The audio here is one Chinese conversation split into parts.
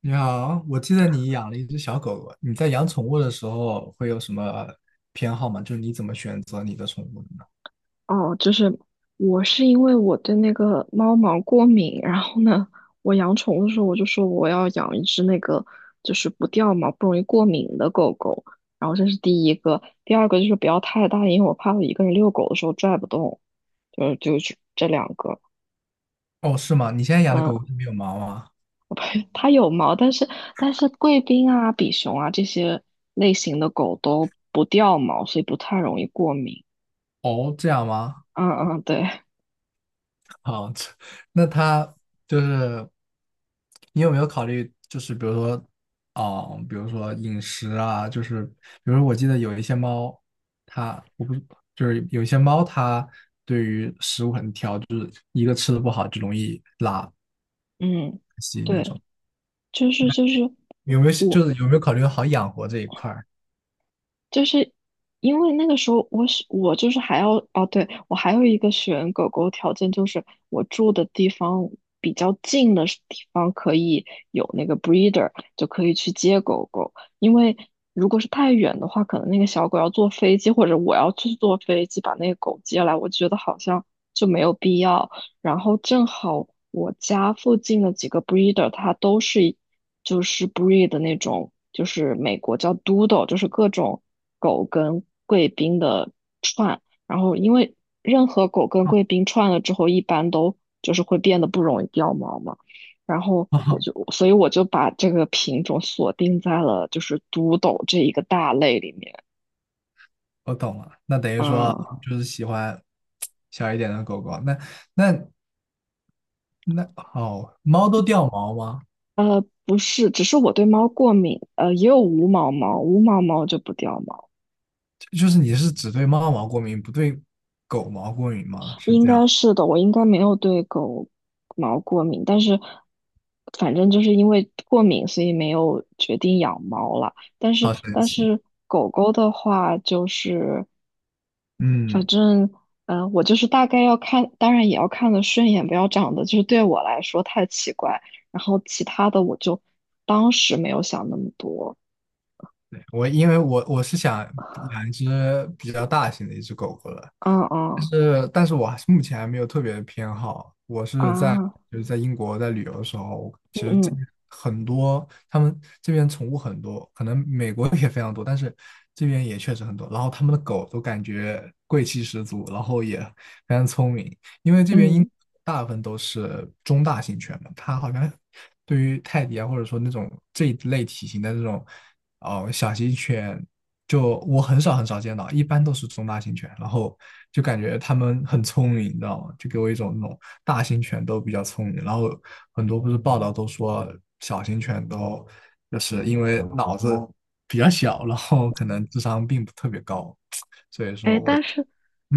你好，我记得你养了一只小狗狗，你在养宠物的时候会有什么偏好吗？就是你怎么选择你的宠物的呢？哦，就是我是因为我对那个猫毛过敏，然后呢，我养宠物的时候我就说我要养一只那个就是不掉毛、不容易过敏的狗狗，然后这是第一个，第二个就是不要太大，因为我怕我一个人遛狗的时候拽不动，就是这两个。哦，是吗？你现在养的嗯，狗狗是没有毛吗？它有毛，但是贵宾啊、比熊啊这些类型的狗都不掉毛，所以不太容易过敏。哦，这样吗？嗯嗯，对。好，这那它就是你有没有考虑，就是比如说，啊、比如说饮食啊，就是比如说我记得有一些猫，它我不是就是有一些猫它对于食物很挑，就是一个吃的不好就容易拉嗯。稀那对，种。就是，我有没有考虑好养活这一块儿？就是因为那个时候我就是还要。哦，对，我还有一个选狗狗条件就是我住的地方比较近的地方可以有那个 breeder，就可以去接狗狗。因为如果是太远的话，可能那个小狗要坐飞机，或者我要去坐飞机把那个狗接来，我觉得好像就没有必要。然后正好我家附近的几个 breeder，它都是就是 breed 的那种，就是美国叫 Doodle，就是各种狗跟贵宾的串。然后因为任何狗跟贵 宾串了之后，一般都就是会变得不容易掉毛嘛。然后我哦，就，所以我就把这个品种锁定在了就是 Doodle 这一个大类里面。我懂了，那等于说啊，就是喜欢小一点的狗狗。那那那哦，猫都掉毛吗？不是，只是我对猫过敏，也有无毛猫，无毛猫就不掉毛。就是你是只对猫毛过敏，不对狗毛过敏吗？是应这样，该是的，我应该没有对狗毛过敏，但是反正就是因为过敏，所以没有决定养猫了。但是好神但奇。是狗狗的话，就是反嗯，正我就是大概要看，当然也要看的顺眼，不要长得就是对我来说太奇怪。然后其他的我就当时没有想那么多。对，我因为我我是想养一只比较大型的一只狗狗了，嗯但嗯。是，但是我还是目前还没有特别的偏好。我是在啊。就是在英国在旅游的时候，其嗯实这嗯边很多，他们这边宠物很多，可能美国也非常多，但是这边也确实很多。然后他们的狗都感觉贵气十足，然后也非常聪明，因为这边英国嗯。大部分都是中大型犬嘛，它好像对于泰迪啊，或者说那种这一类体型的这种哦小型犬，就我很少见到，一般都是中大型犬，然后就感觉它们很聪明，你知道吗？就给我一种那种大型犬都比较聪明，然后很多不是报道都说小型犬都就是因为脑子比较小，然后可能智商并不特别高，所以哎，说我但是，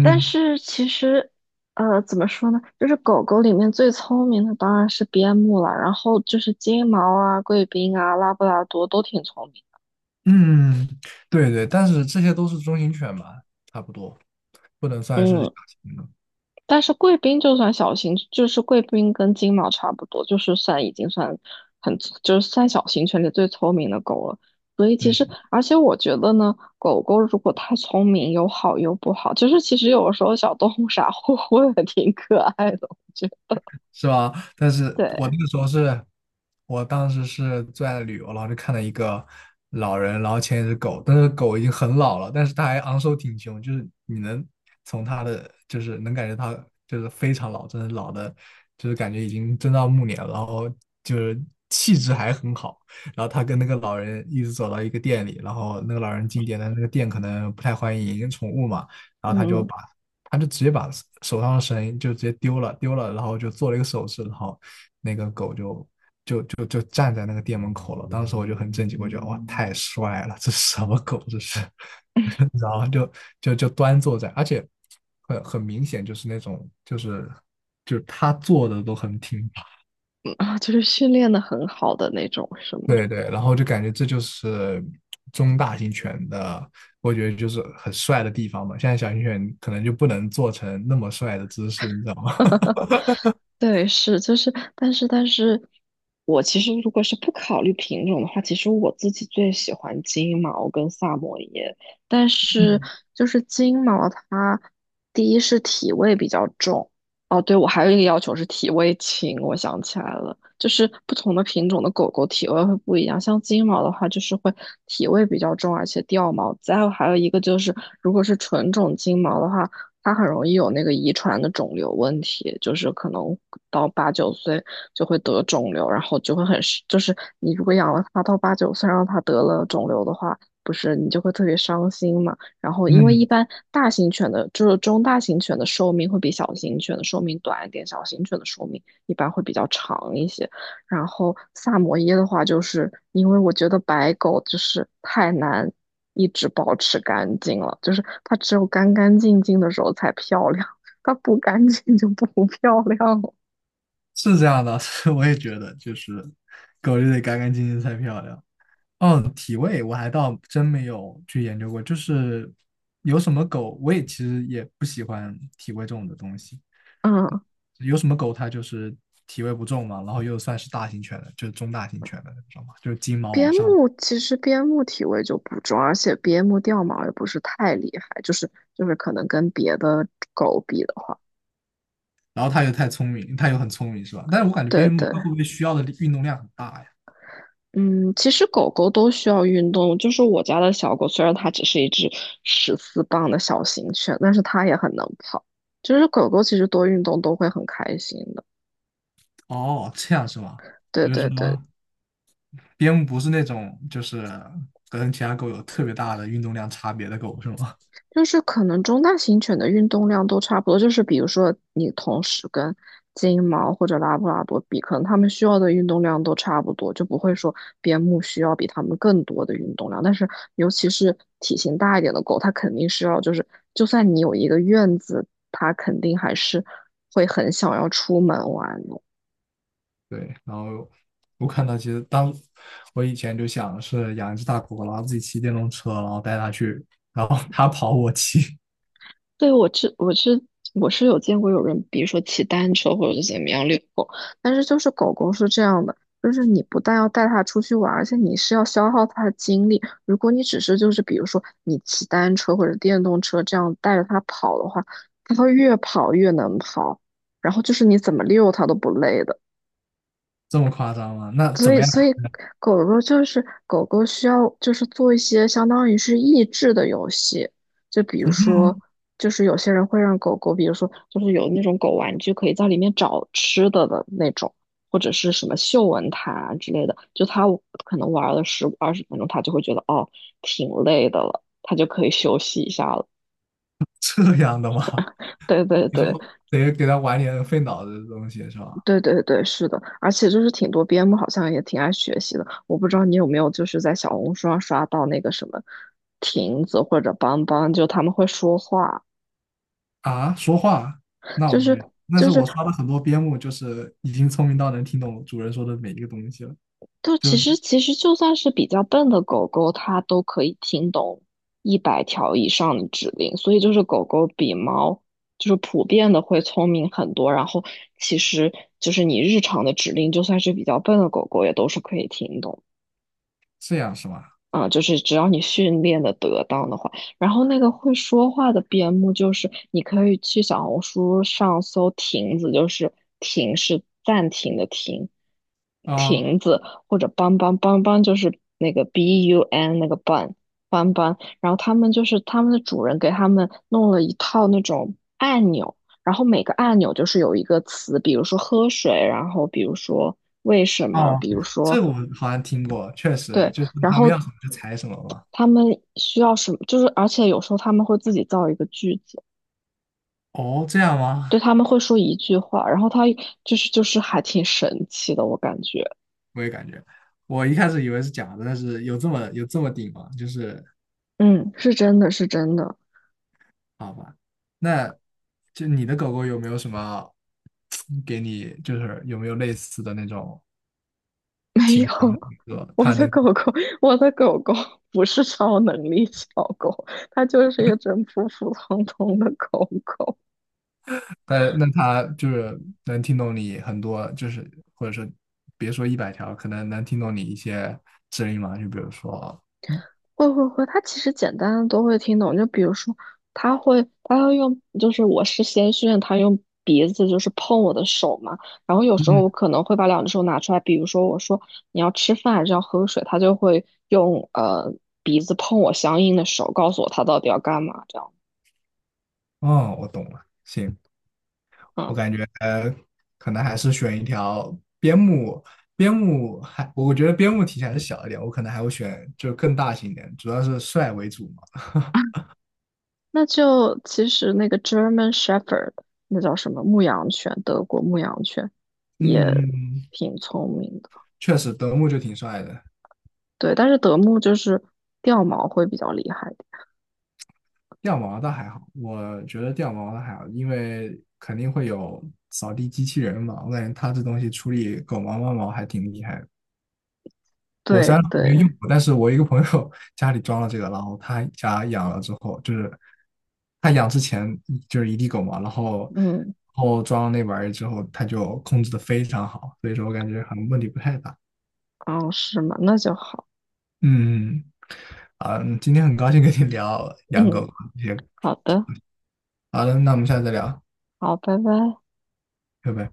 但是其实，怎么说呢？就是狗狗里面最聪明的当然是边牧了，然后就是金毛啊、贵宾啊、拉布拉多都挺聪明。嗯，对，对，但是这些都是中型犬嘛，差不多不能算是嗯，小型的，但是贵宾就算小型，就是贵宾跟金毛差不多，就是算已经算很，就是算小型犬里最聪明的狗了。所以其实，嗯。而且我觉得呢，狗狗如果太聪明，有好有不好。就是其实有的时候小动物 傻乎乎的挺可爱的，我觉得。是吧？但是对。我那个时候是，我当时是最爱旅游，然后就看到一个老人，然后牵一只狗，但是狗已经很老了，但是它还昂首挺胸，就是你能从它的，就是能感觉它就是非常老，真的老的，就是感觉已经真到暮年了，然后就是气质还很好。然后他跟那个老人一直走到一个店里，然后那个老人进店，但那个店可能不太欢迎宠物嘛，然后他就嗯。把他就直接把手上的绳就直接丢了，丢了，然后就做了一个手势，然后那个狗就站在那个店门口了。当时我就很震惊，我觉得哇，太帅了，这是什么狗？这是 然后就就就端坐在，而且很明显就是那种他坐的都很挺拔，啊，就是训练的很好的那种，是吗？对，对，然后就感觉这就是中大型犬的，我觉得就是很帅的地方嘛。现在小型犬可能就不能做成那么帅的姿势，你知道吗？对，是，就是，但是我其实如果是不考虑品种的话，其实我自己最喜欢金毛跟萨摩耶，但是 就是金毛它第一是体味比较重，哦，对，我还有一个要求是体味轻，我想起来了，就是不同的品种的狗狗体味会不一样，像金毛的话就是会体味比较重，而且掉毛，再有还有一个就是如果是纯种金毛的话。它很容易有那个遗传的肿瘤问题，就是可能到八九岁就会得肿瘤，然后就会很是，就是你如果养了它到八九岁，让它得了肿瘤的话，不是你就会特别伤心嘛。然后因为一嗯，般大型犬的，就是中大型犬的寿命会比小型犬的寿命短一点，小型犬的寿命一般会比较长一些。然后萨摩耶的话，就是因为我觉得白狗就是太难一直保持干净了，就是它只有干干净净的时候才漂亮，它不干净就不 漂亮了。是这样的，是我也觉得，就是狗就得干干净净才漂亮。哦，体味我还倒真没有去研究过，就是有什么狗，我也其实也不喜欢体味重的东西。嗯，有什么狗它就是体味不重嘛，然后又算是大型犬的，就是中大型犬的，知道吗？就是金毛往边上，牧其实边牧体味就不重，而且边牧掉毛也不是太厉害，就是可能跟别的狗比的话，然后它又太聪明，它又很聪明，是吧？但是我感觉对边牧对。它会不会需要的运动量很大呀？嗯，其实狗狗都需要运动，就是我家的小狗，虽然它只是一只14磅的小型犬，但是它也很能跑，就是狗狗其实多运动都会很开心的，哦，这样是吗？对就对是对。说。边牧不是那种就是跟其他狗有特别大的运动量差别的狗是吗？就是可能中大型犬的运动量都差不多，就是比如说你同时跟金毛或者拉布拉多比，可能它们需要的运动量都差不多，就不会说边牧需要比它们更多的运动量。但是尤其是体型大一点的狗，它肯定是要就是，就算你有一个院子，它肯定还是会很想要出门玩。对，然后我看到其实我以前就想是养一只大狗狗，然后自己骑电动车，然后带它去，然后它跑我骑，对，我是有见过有人，比如说骑单车或者是怎么样遛狗，但是就是狗狗是这样的，就是你不但要带它出去玩而且你是要消耗它的精力。如果你只是就是比如说你骑单车或者电动车这样带着它跑的话，它会越跑越能跑，然后就是你怎么遛它都不累的。这么夸张吗？那所怎以，么样？所以狗狗就是狗狗需要就是做一些相当于是益智的游戏，就比如说，嗯，就是有些人会让狗狗，比如说就是有那种狗玩具可以在里面找吃的的那种，或者是什么嗅闻毯啊之类的，就它可能玩了十二十分钟，它就会觉得哦挺累的了，它就可以休息一下了。这样的吗？对对 你说对。得给它玩点费脑子的东西是吧？对对对，是的，而且就是挺多边牧好像也挺爱学习的，我不知道你有没有就是在小红书上刷到那个什么亭子或者邦邦，就他们会说话，啊，说话，那我就都是没有。但就是是我刷了很多边牧，就是已经聪明到能听懂主人说的每一个东西了，就就其实其实就算是比较笨的狗狗，它都可以听懂100条以上的指令，所以就是狗狗比猫就是普遍的会聪明很多，然后其实就是你日常的指令，就算是比较笨的狗狗也都是可以听懂。这样是吗？啊，就是只要你训练的得当的话，然后那个会说话的边牧，就是你可以去小红书上搜“亭子”，就是“亭是暂停的“停”，啊，亭子或者邦邦邦邦就是那个 BUN 那个班邦邦，然后他们就是他们的主人给他们弄了一套那种按钮，然后每个按钮就是有一个词，比如说喝水，然后比如说为什么，哦，比如说这我好像听过，确实对，就是然他们要后什么就采什么嘛。他们需要什么？就是而且有时候他们会自己造一个句子，哦，这样吗？对，他们会说一句话，然后他就是还挺神奇的，我感觉，我也感觉，我一开始以为是假的，但是有这么顶吗？就是嗯，是真的是真的，好吧，那就你的狗狗有没有什么给你，就是有没有类似的那种 没情有，况？说我它的能，狗狗，我的狗狗不是超能力小狗，它就是一只普普通通的狗狗。它那它就是能听懂你很多，就是或者说别说100条，可能能听懂你一些指令嘛？就比如说，会会会，他其实简单的都会听懂。就比如说，他会，他要用，就是我是先训，他用鼻子就是碰我的手嘛。然后有时候嗯，我可能会把两只手拿出来，比如说我说你要吃饭还是要喝水，他就会用鼻子碰我相应的手，告诉我他到底要干嘛这样。哦，我懂了，行。嗯，我感觉可能还是选一条边牧，边牧还我觉得边牧体型还是小一点，我可能还会选就更大型一点，主要是帅为主嘛。那就其实那个 German Shepherd，那叫什么牧羊犬，德国牧羊犬也嗯，挺聪明的。确实德牧就挺帅的，对，但是德牧就是掉毛会比较厉害。掉毛倒还好，我觉得掉毛倒还好，因为肯定会有扫地机器人嘛，我感觉他这东西处理狗毛、猫毛还挺厉害的。我虽对然没对。有用过，但是我一个朋友家里装了这个，然后他家养了之后，就是他养之前就是一地狗嘛，然后嗯，装了那玩意儿之后，他就控制的非常好，所以说我感觉好像问题不太大。哦，是吗？那就好。嗯，啊，今天很高兴跟你聊养嗯，狗这些。好的，好的，那我们下次再聊，好，拜拜。拜拜。